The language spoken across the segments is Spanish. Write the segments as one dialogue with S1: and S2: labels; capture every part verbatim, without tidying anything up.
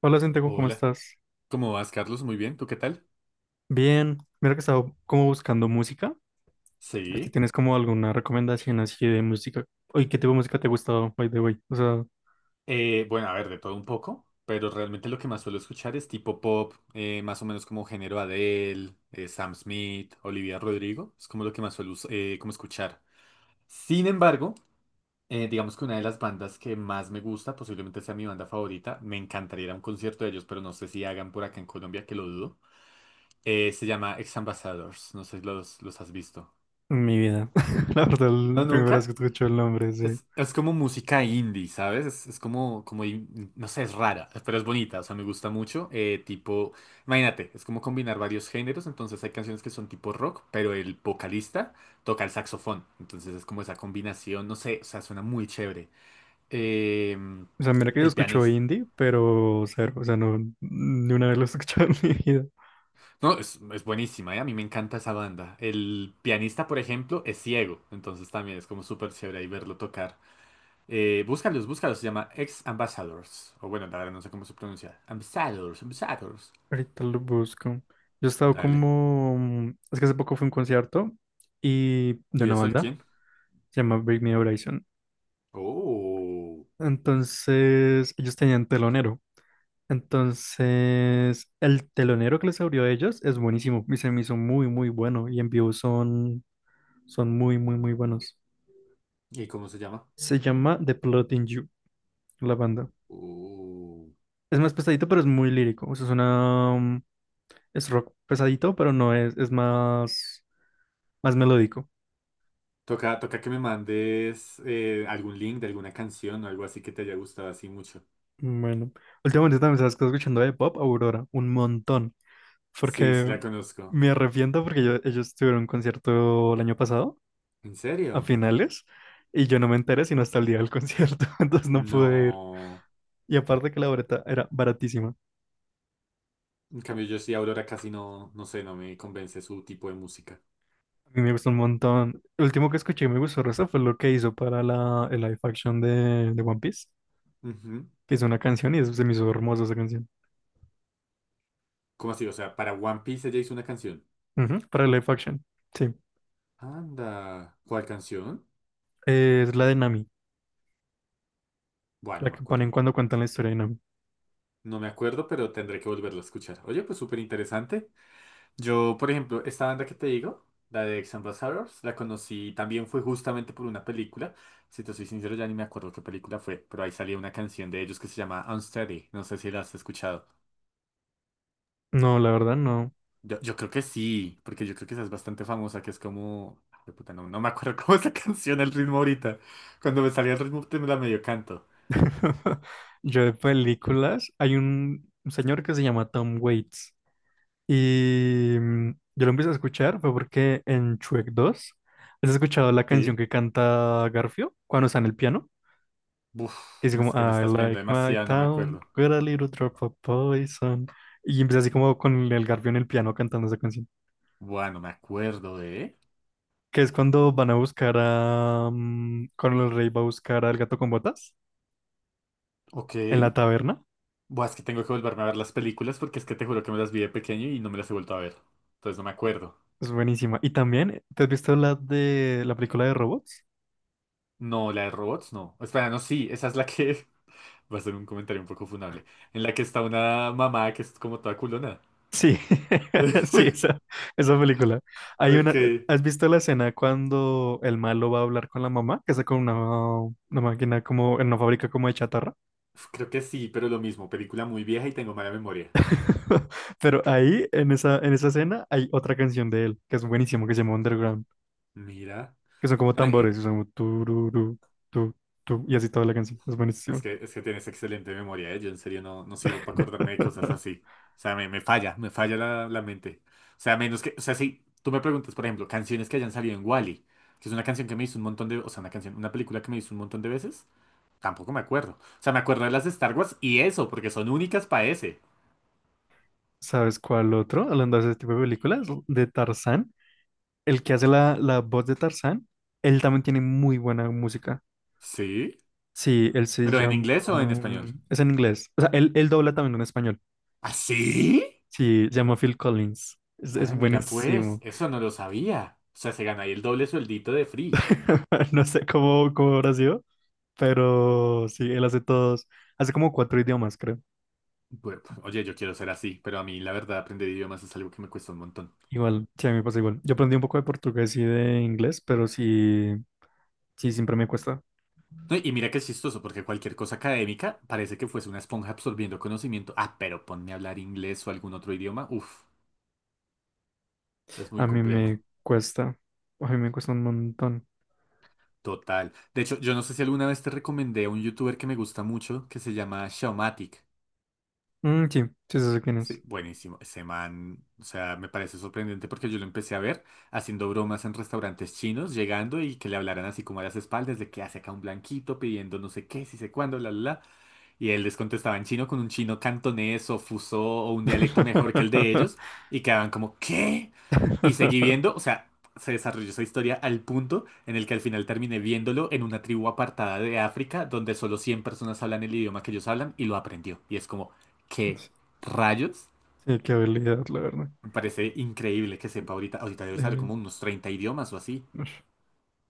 S1: Hola, Santiago, ¿cómo
S2: Hola,
S1: estás?
S2: ¿cómo vas, Carlos? Muy bien, ¿tú qué tal?
S1: Bien, mira que estaba como buscando música. A ver si
S2: Sí.
S1: tienes como alguna recomendación así de música. Oye, ¿qué tipo de música te ha gustado, by the way? O sea,
S2: Eh, bueno, a ver, de todo un poco, pero realmente lo que más suelo escuchar es tipo pop, eh, más o menos como género Adele, eh, Sam Smith, Olivia Rodrigo, es como lo que más suelo us- eh, como escuchar. Sin embargo, eh, digamos que una de las bandas que más me gusta, posiblemente sea mi banda favorita, me encantaría ir a un concierto de ellos, pero no sé si hagan por acá en Colombia, que lo dudo. Eh, se llama Ex Ambassadors, no sé si los, los has visto.
S1: en mi vida. La verdad,
S2: ¿No,
S1: la primera vez que
S2: nunca?
S1: escucho el nombre, sí.
S2: Es, es como música indie, ¿sabes? Es, es como, como, in- no sé, es rara, pero es bonita, o sea, me gusta mucho. eh, tipo, imagínate, es como combinar varios géneros, entonces hay canciones que son tipo rock, pero el vocalista toca el saxofón, entonces es como esa combinación, no sé, o sea, suena muy chévere. Em,
S1: O sea, mira que yo
S2: el
S1: escucho
S2: pianista.
S1: indie, pero cero. O sea, no, ni una vez lo he escuchado en mi vida.
S2: No, es, es buenísima, ¿eh? A mí me encanta esa banda. El pianista, por ejemplo, es ciego, entonces también es como súper chévere ahí verlo tocar. Eh, búscalos, búscalos. Se llama Ex Ambassadors. O bueno, la verdad no sé cómo se pronuncia. Ambassadors, Ambassadors.
S1: Ahorita lo busco. Yo he estado
S2: Dale.
S1: como... mm, es que hace poco fue un concierto y de
S2: ¿Y
S1: una
S2: eso de
S1: banda.
S2: quién?
S1: Se llama Bring Me Horizon.
S2: Oh.
S1: Entonces, ellos tenían telonero. Entonces, el telonero que les abrió a ellos es buenísimo y se me hizo muy, muy bueno. Y en vivo son, son muy, muy, muy buenos.
S2: ¿Y cómo se llama?
S1: Se llama The Plotting You, la banda.
S2: Oh.
S1: Es más pesadito, pero es muy lírico. O sea, es una, mm, es rock pesadito, pero no es, es más, más melódico.
S2: Toca, toca que me mandes eh, algún link de alguna canción o algo así que te haya gustado así mucho.
S1: Bueno, últimamente también sabes que estoy escuchando de pop Aurora, un montón.
S2: Sí, sí
S1: Porque
S2: la conozco.
S1: me arrepiento porque yo- ellos tuvieron un concierto el año pasado
S2: ¿En
S1: a
S2: serio?
S1: finales y yo no me enteré sino hasta el día del concierto, entonces no pude ir.
S2: No.
S1: Y aparte que la boleta era baratísima. A
S2: En cambio, yo sí, Aurora casi no, no sé, no me convence su tipo de música.
S1: mí me gustó un montón. El último que escuché y me gustó Rosa fue lo que hizo para la, el live action de, de One Piece,
S2: Ujú.
S1: que hizo una canción y eso se me hizo hermosa esa canción.
S2: ¿Cómo así? O sea, para One Piece ella hizo una canción.
S1: Ujú, para el live action, sí.
S2: Anda. ¿Cuál canción?
S1: Eh, es la de Nami,
S2: Bueno, no
S1: la
S2: me
S1: que ponen
S2: acuerdo.
S1: cuando cuentan la historia de Nami.
S2: No me acuerdo, pero tendré que volverlo a escuchar. Oye, pues súper interesante. Yo, por ejemplo, esta banda que te digo, la de Ex Ambassadors, la conocí también fue justamente por una película. Si te soy sincero, ya ni me acuerdo qué película fue, pero ahí salía una canción de ellos que se llama Unsteady. No sé si la has escuchado.
S1: No, la verdad no.
S2: Yo, yo creo que sí, porque yo creo que esa es bastante famosa, que es como... Ah, de puta, no, no me acuerdo cómo es la canción, el ritmo ahorita. Cuando me salía el ritmo, te me la medio canto.
S1: Yo de películas, hay un señor que se llama Tom Waits. Y mm, yo lo empecé a escuchar fue porque en Shrek dos ¿has escuchado la canción
S2: Sí.
S1: que canta Garfio cuando está en el piano? Que
S2: Uf,
S1: dice como,
S2: es que me
S1: I
S2: estás pidiendo
S1: like my
S2: demasiado, no me
S1: town,
S2: acuerdo.
S1: with a little drop of poison. Y empieza así como con el Garfio en el piano cantando esa canción.
S2: Bueno, me acuerdo de...
S1: Que es cuando van a buscar a... mm, cuando el rey va a buscar al gato con botas
S2: Ok.
S1: en la taberna.
S2: Buah, es que tengo que volverme a ver las películas porque es que te juro que me las vi de pequeño y no me las he vuelto a ver. Entonces no me acuerdo.
S1: Es buenísima. Y también, ¿te has visto la de la película de robots?
S2: No, la de robots, no. Espera, no, sí, esa es la que... Va a ser un comentario un poco funable. En la que está una mamá que es como toda culona.
S1: Sí, sí, esa, esa película. Hay
S2: Ok.
S1: una, ¿has visto la escena cuando el malo va a hablar con la mamá? Que está con una, una máquina como, en una fábrica como de chatarra.
S2: Uf, creo que sí, pero lo mismo. Película muy vieja y tengo mala memoria.
S1: Pero ahí, en esa, en esa escena, hay otra canción de él, que es buenísimo, que se llama Underground,
S2: Mira.
S1: que son como
S2: No,
S1: tambores,
S2: Eh,
S1: y son como tururú, tu, tu, y así toda la canción. Es buenísimo.
S2: Es que, es que tienes excelente memoria, ¿eh? Yo en serio no, no sirvo para acordarme de cosas así. O sea, me, me falla, me falla la, la mente. O sea, menos que, o sea, si tú me preguntas, por ejemplo, canciones que hayan salido en Wall-E, que es una canción que me hizo un montón de, o sea, una canción, una película que me hizo un montón de veces, tampoco me acuerdo. O sea, me acuerdo de las de Star Wars y eso, porque son únicas para ese.
S1: ¿Sabes cuál otro? Hablando de ese tipo de películas, de Tarzán, el que hace la, la voz de Tarzán, él también tiene muy buena música.
S2: ¿Sí?
S1: Sí, él se
S2: ¿Pero en
S1: llama...
S2: inglés o en español?
S1: um, es en inglés. O sea, él, él dobla también en español.
S2: ¿Así?
S1: Sí, se llama Phil Collins. Es, es
S2: Ay, mira, pues,
S1: buenísimo.
S2: eso no lo sabía. O sea, se gana ahí el doble sueldito de Free.
S1: No sé cómo, cómo habrá sido, pero sí, él hace todos. Hace como cuatro idiomas, creo.
S2: Pues, pues, oye, yo quiero ser así, pero a mí la verdad aprender idiomas es algo que me cuesta un montón.
S1: Igual, sí, a mí me pasa igual. Yo aprendí un poco de portugués y de inglés, pero sí, sí, siempre me cuesta.
S2: No, y mira que es chistoso, porque cualquier cosa académica parece que fuese una esponja absorbiendo conocimiento. Ah, pero ponme a hablar inglés o algún otro idioma. Uf, es muy
S1: A mí
S2: complejo.
S1: me cuesta. A mí me cuesta un montón.
S2: Total. De hecho, yo no sé si alguna vez te recomendé a un youtuber que me gusta mucho, que se llama Xiaomatic.
S1: Mm, sí, sí, sí sé quién
S2: Sí,
S1: es.
S2: buenísimo. Ese man, o sea, me parece sorprendente porque yo lo empecé a ver haciendo bromas en restaurantes chinos, llegando y que le hablaran así como a las espaldas de que hace acá un blanquito pidiendo no sé qué, si sé cuándo, la, la, la. Y él les contestaba en chino con un chino cantonés o fuso o un dialecto mejor que el de ellos. Y quedaban como, ¿qué? Y seguí viendo, o sea, se desarrolló esa historia al punto en el que al final terminé viéndolo en una tribu apartada de África donde solo cien personas hablan el idioma que ellos hablan y lo aprendió. Y es como, ¿qué rayos?
S1: Sí, qué habilidad, la verdad.
S2: Me parece increíble que sepa ahorita. Ahorita debe saber
S1: Eh,
S2: como unos treinta idiomas o así.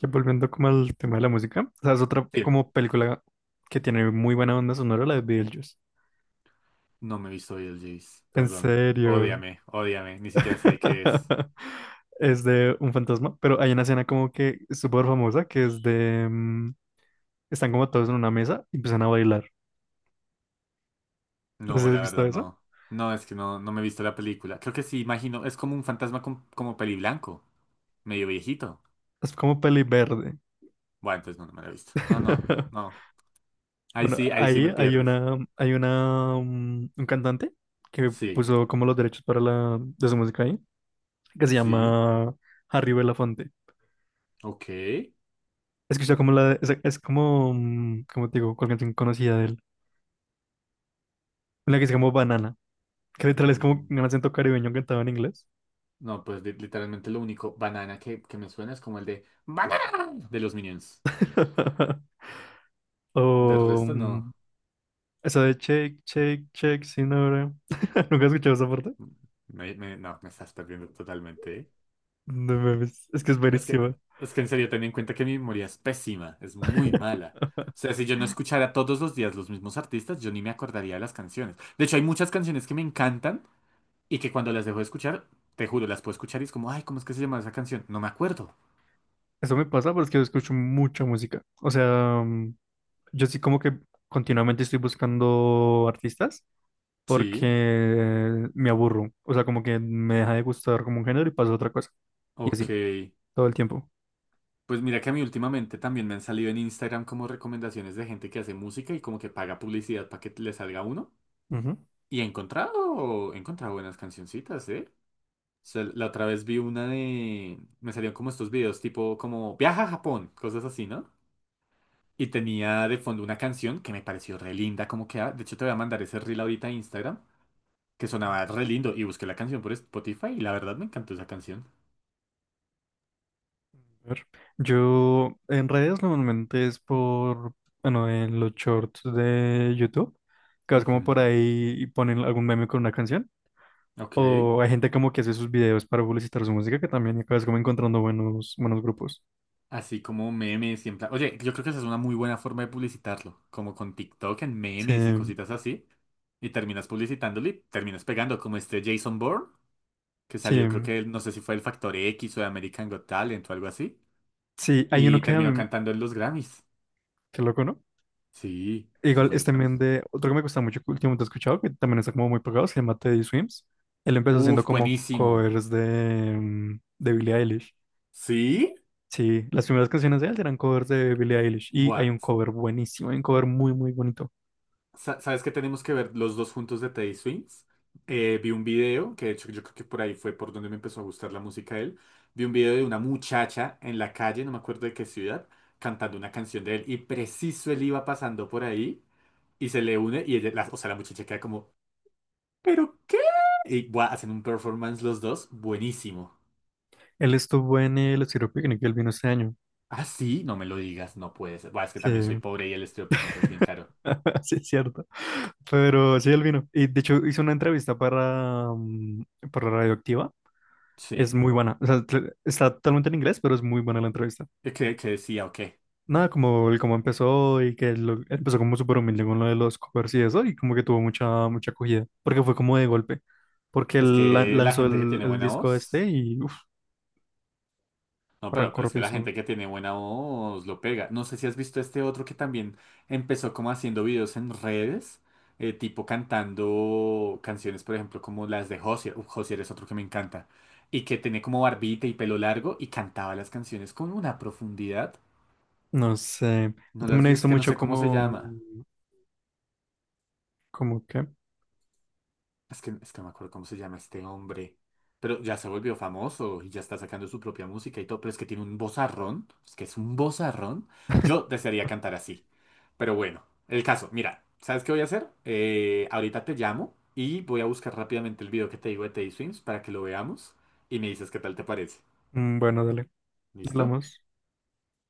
S1: Ya volviendo como al tema de la música, o sea, es otra
S2: Sí.
S1: como película que tiene muy buena onda sonora, la de Beetlejuice.
S2: No me he visto hoy el Jace,
S1: En
S2: perdón.
S1: serio.
S2: Ódiame, ódiame. Ni siquiera sé qué es.
S1: Es de un fantasma, pero hay una escena como que súper famosa que es de... mm, están como todos en una mesa y empiezan a bailar. No sé si
S2: No,
S1: has
S2: la
S1: visto
S2: verdad
S1: eso.
S2: no. No, es que no, no me he visto la película. Creo que sí, imagino. Es como un fantasma con- como peli blanco, medio viejito.
S1: Es como peli verde.
S2: Bueno, entonces no, no me la he visto. No, no, no. Ahí
S1: Bueno,
S2: sí, ahí sí
S1: ahí
S2: me
S1: hay
S2: pierdes.
S1: una, hay una, mm, un cantante que
S2: Sí,
S1: puso como los derechos para la, de su música ahí, que se
S2: sí,
S1: llama Harry Belafonte.
S2: ok.
S1: Escucha como la de- es, es como, mm, como te digo, cuál canción conocida de él. Una que se llama Banana, que literal es como
S2: Mm,
S1: un acento caribeño cantado en inglés.
S2: No, pues li- literalmente lo único banana que, que me suena es como el de banana de los Minions. De
S1: O
S2: resto no.
S1: mm, esa de Shake, Shake, Shake, sin ahora. ¿Nunca has escuchado esa parte?
S2: Mm, Me- me- no, me estás perdiendo totalmente, ¿eh?
S1: No mames, es que es
S2: Es que,
S1: buenísima.
S2: es que en serio, ten en cuenta que mi memoria es pésima, es muy mala. O sea, si yo no escuchara todos los días los mismos artistas, yo ni me acordaría de las canciones. De hecho, hay muchas canciones que me encantan y que cuando las dejo de escuchar, te juro, las puedo escuchar y es como, ay, ¿cómo es que se llama esa canción? No me acuerdo.
S1: Eso me pasa porque yo escucho mucha música. O sea, mm, yo sí como que continuamente estoy buscando artistas
S2: Sí,
S1: porque me aburro. O sea, como que me deja de gustar como un género y paso a otra cosa. Y
S2: ok.
S1: así, todo el tiempo.
S2: Pues mira que a mí últimamente también me han salido en Instagram como recomendaciones de gente que hace música y como que paga publicidad para que le salga uno.
S1: Ujú.
S2: Y he encontrado, he encontrado buenas cancioncitas, ¿eh? Sea, la otra vez vi una de... Me salieron como estos videos, tipo como viaja a Japón, cosas así, ¿no? Y tenía de fondo una canción que me pareció re linda, como que... ah, de hecho, te voy a mandar ese reel ahorita a Instagram, que sonaba re lindo. Y busqué la canción por Spotify y la verdad me encantó esa canción.
S1: A ver. Yo en redes normalmente es por, bueno, en los shorts de YouTube, que vas como por
S2: Ujú,
S1: ahí y ponen algún meme con una canción.
S2: ok.
S1: O hay gente como que hace sus videos para publicitar su música, que también acabas como encontrando buenos, buenos grupos.
S2: Así como memes siempre. Oye, yo creo que esa es una muy buena forma de publicitarlo. Como con TikTok en
S1: Sí,
S2: memes y cositas así. Y terminas publicitándolo y terminas pegando como este Jason Bourne, que
S1: sí,
S2: salió, creo que no sé si fue el Factor X o de American Got Talent o algo así.
S1: sí, hay uno
S2: Y
S1: que a
S2: terminó
S1: mí,
S2: cantando en los Grammys.
S1: qué loco, ¿no?
S2: Sí, sí
S1: Igual
S2: fue en
S1: es
S2: los
S1: también
S2: Grammys.
S1: de otro que me gusta mucho que últimamente he escuchado, que también está como muy pegado, se llama Teddy Swims. Él empezó haciendo
S2: Uf,
S1: como
S2: buenísimo.
S1: covers de, mm, de Billie Eilish.
S2: ¿Sí?
S1: Sí, las primeras canciones de él eran covers de Billie Eilish y hay
S2: Buah.
S1: un cover buenísimo, hay un cover muy, muy bonito.
S2: Sa- ¿Sabes qué tenemos que ver los dos juntos de Teddy Swings? Eh, vi un video, que de hecho yo creo que por ahí fue por donde me empezó a gustar la música de él. Vi un video de una muchacha en la calle, no me acuerdo de qué ciudad, cantando una canción de él. Y preciso él iba pasando por ahí y se le une y ella, la- o sea, la muchacha queda como, ¿pero qué? Y buah, hacen un performance los dos buenísimo.
S1: Él estuvo en el Estéreo Picnic, él vino este año.
S2: Ah, sí, no me lo digas, no puede ser. Buah, es que
S1: Sí,
S2: también soy pobre y el estudio picnic es bien caro.
S1: sí, es cierto. Pero sí, él vino. Y de hecho hizo una entrevista para, mm, para Radioactiva. Es
S2: Sí.
S1: muy buena. O sea, tl- está totalmente en inglés, pero es muy buena la entrevista.
S2: ¿Qué, qué decía o qué?
S1: Nada, como el cómo empezó y que lo- empezó como súper humilde con lo de los covers y eso, y como que tuvo mucha, mucha acogida, porque fue como de golpe, porque
S2: Es
S1: él la-
S2: que la
S1: lanzó
S2: gente que
S1: el,
S2: tiene
S1: el
S2: buena
S1: disco este
S2: voz.
S1: y uf,
S2: No, pero,
S1: arrancó
S2: pero es que la
S1: rapidísimo.
S2: gente que tiene buena voz lo pega. No sé si has visto este otro que también empezó como haciendo videos en redes, eh, tipo cantando canciones, por ejemplo, como las de Josier. Uf, Josier es otro que me encanta. Y que tiene como barbita y pelo largo y cantaba las canciones con una profundidad.
S1: No sé, yo
S2: No
S1: también
S2: las
S1: he
S2: vi, es
S1: visto
S2: que no
S1: mucho
S2: sé cómo se
S1: como,
S2: llama.
S1: como que,
S2: Es que, es que no me acuerdo cómo se llama este hombre. Pero ya se volvió famoso y ya está sacando su propia música y todo. Pero es que tiene un vozarrón. Es que es un vozarrón. Yo desearía cantar así. Pero bueno, el caso. Mira, ¿sabes qué voy a hacer? Eh, ahorita te llamo y voy a buscar rápidamente el video que te digo de Teddy Swims para que lo veamos y me dices qué tal te parece.
S1: mm, bueno, dale,
S2: ¿Listo?
S1: hablamos.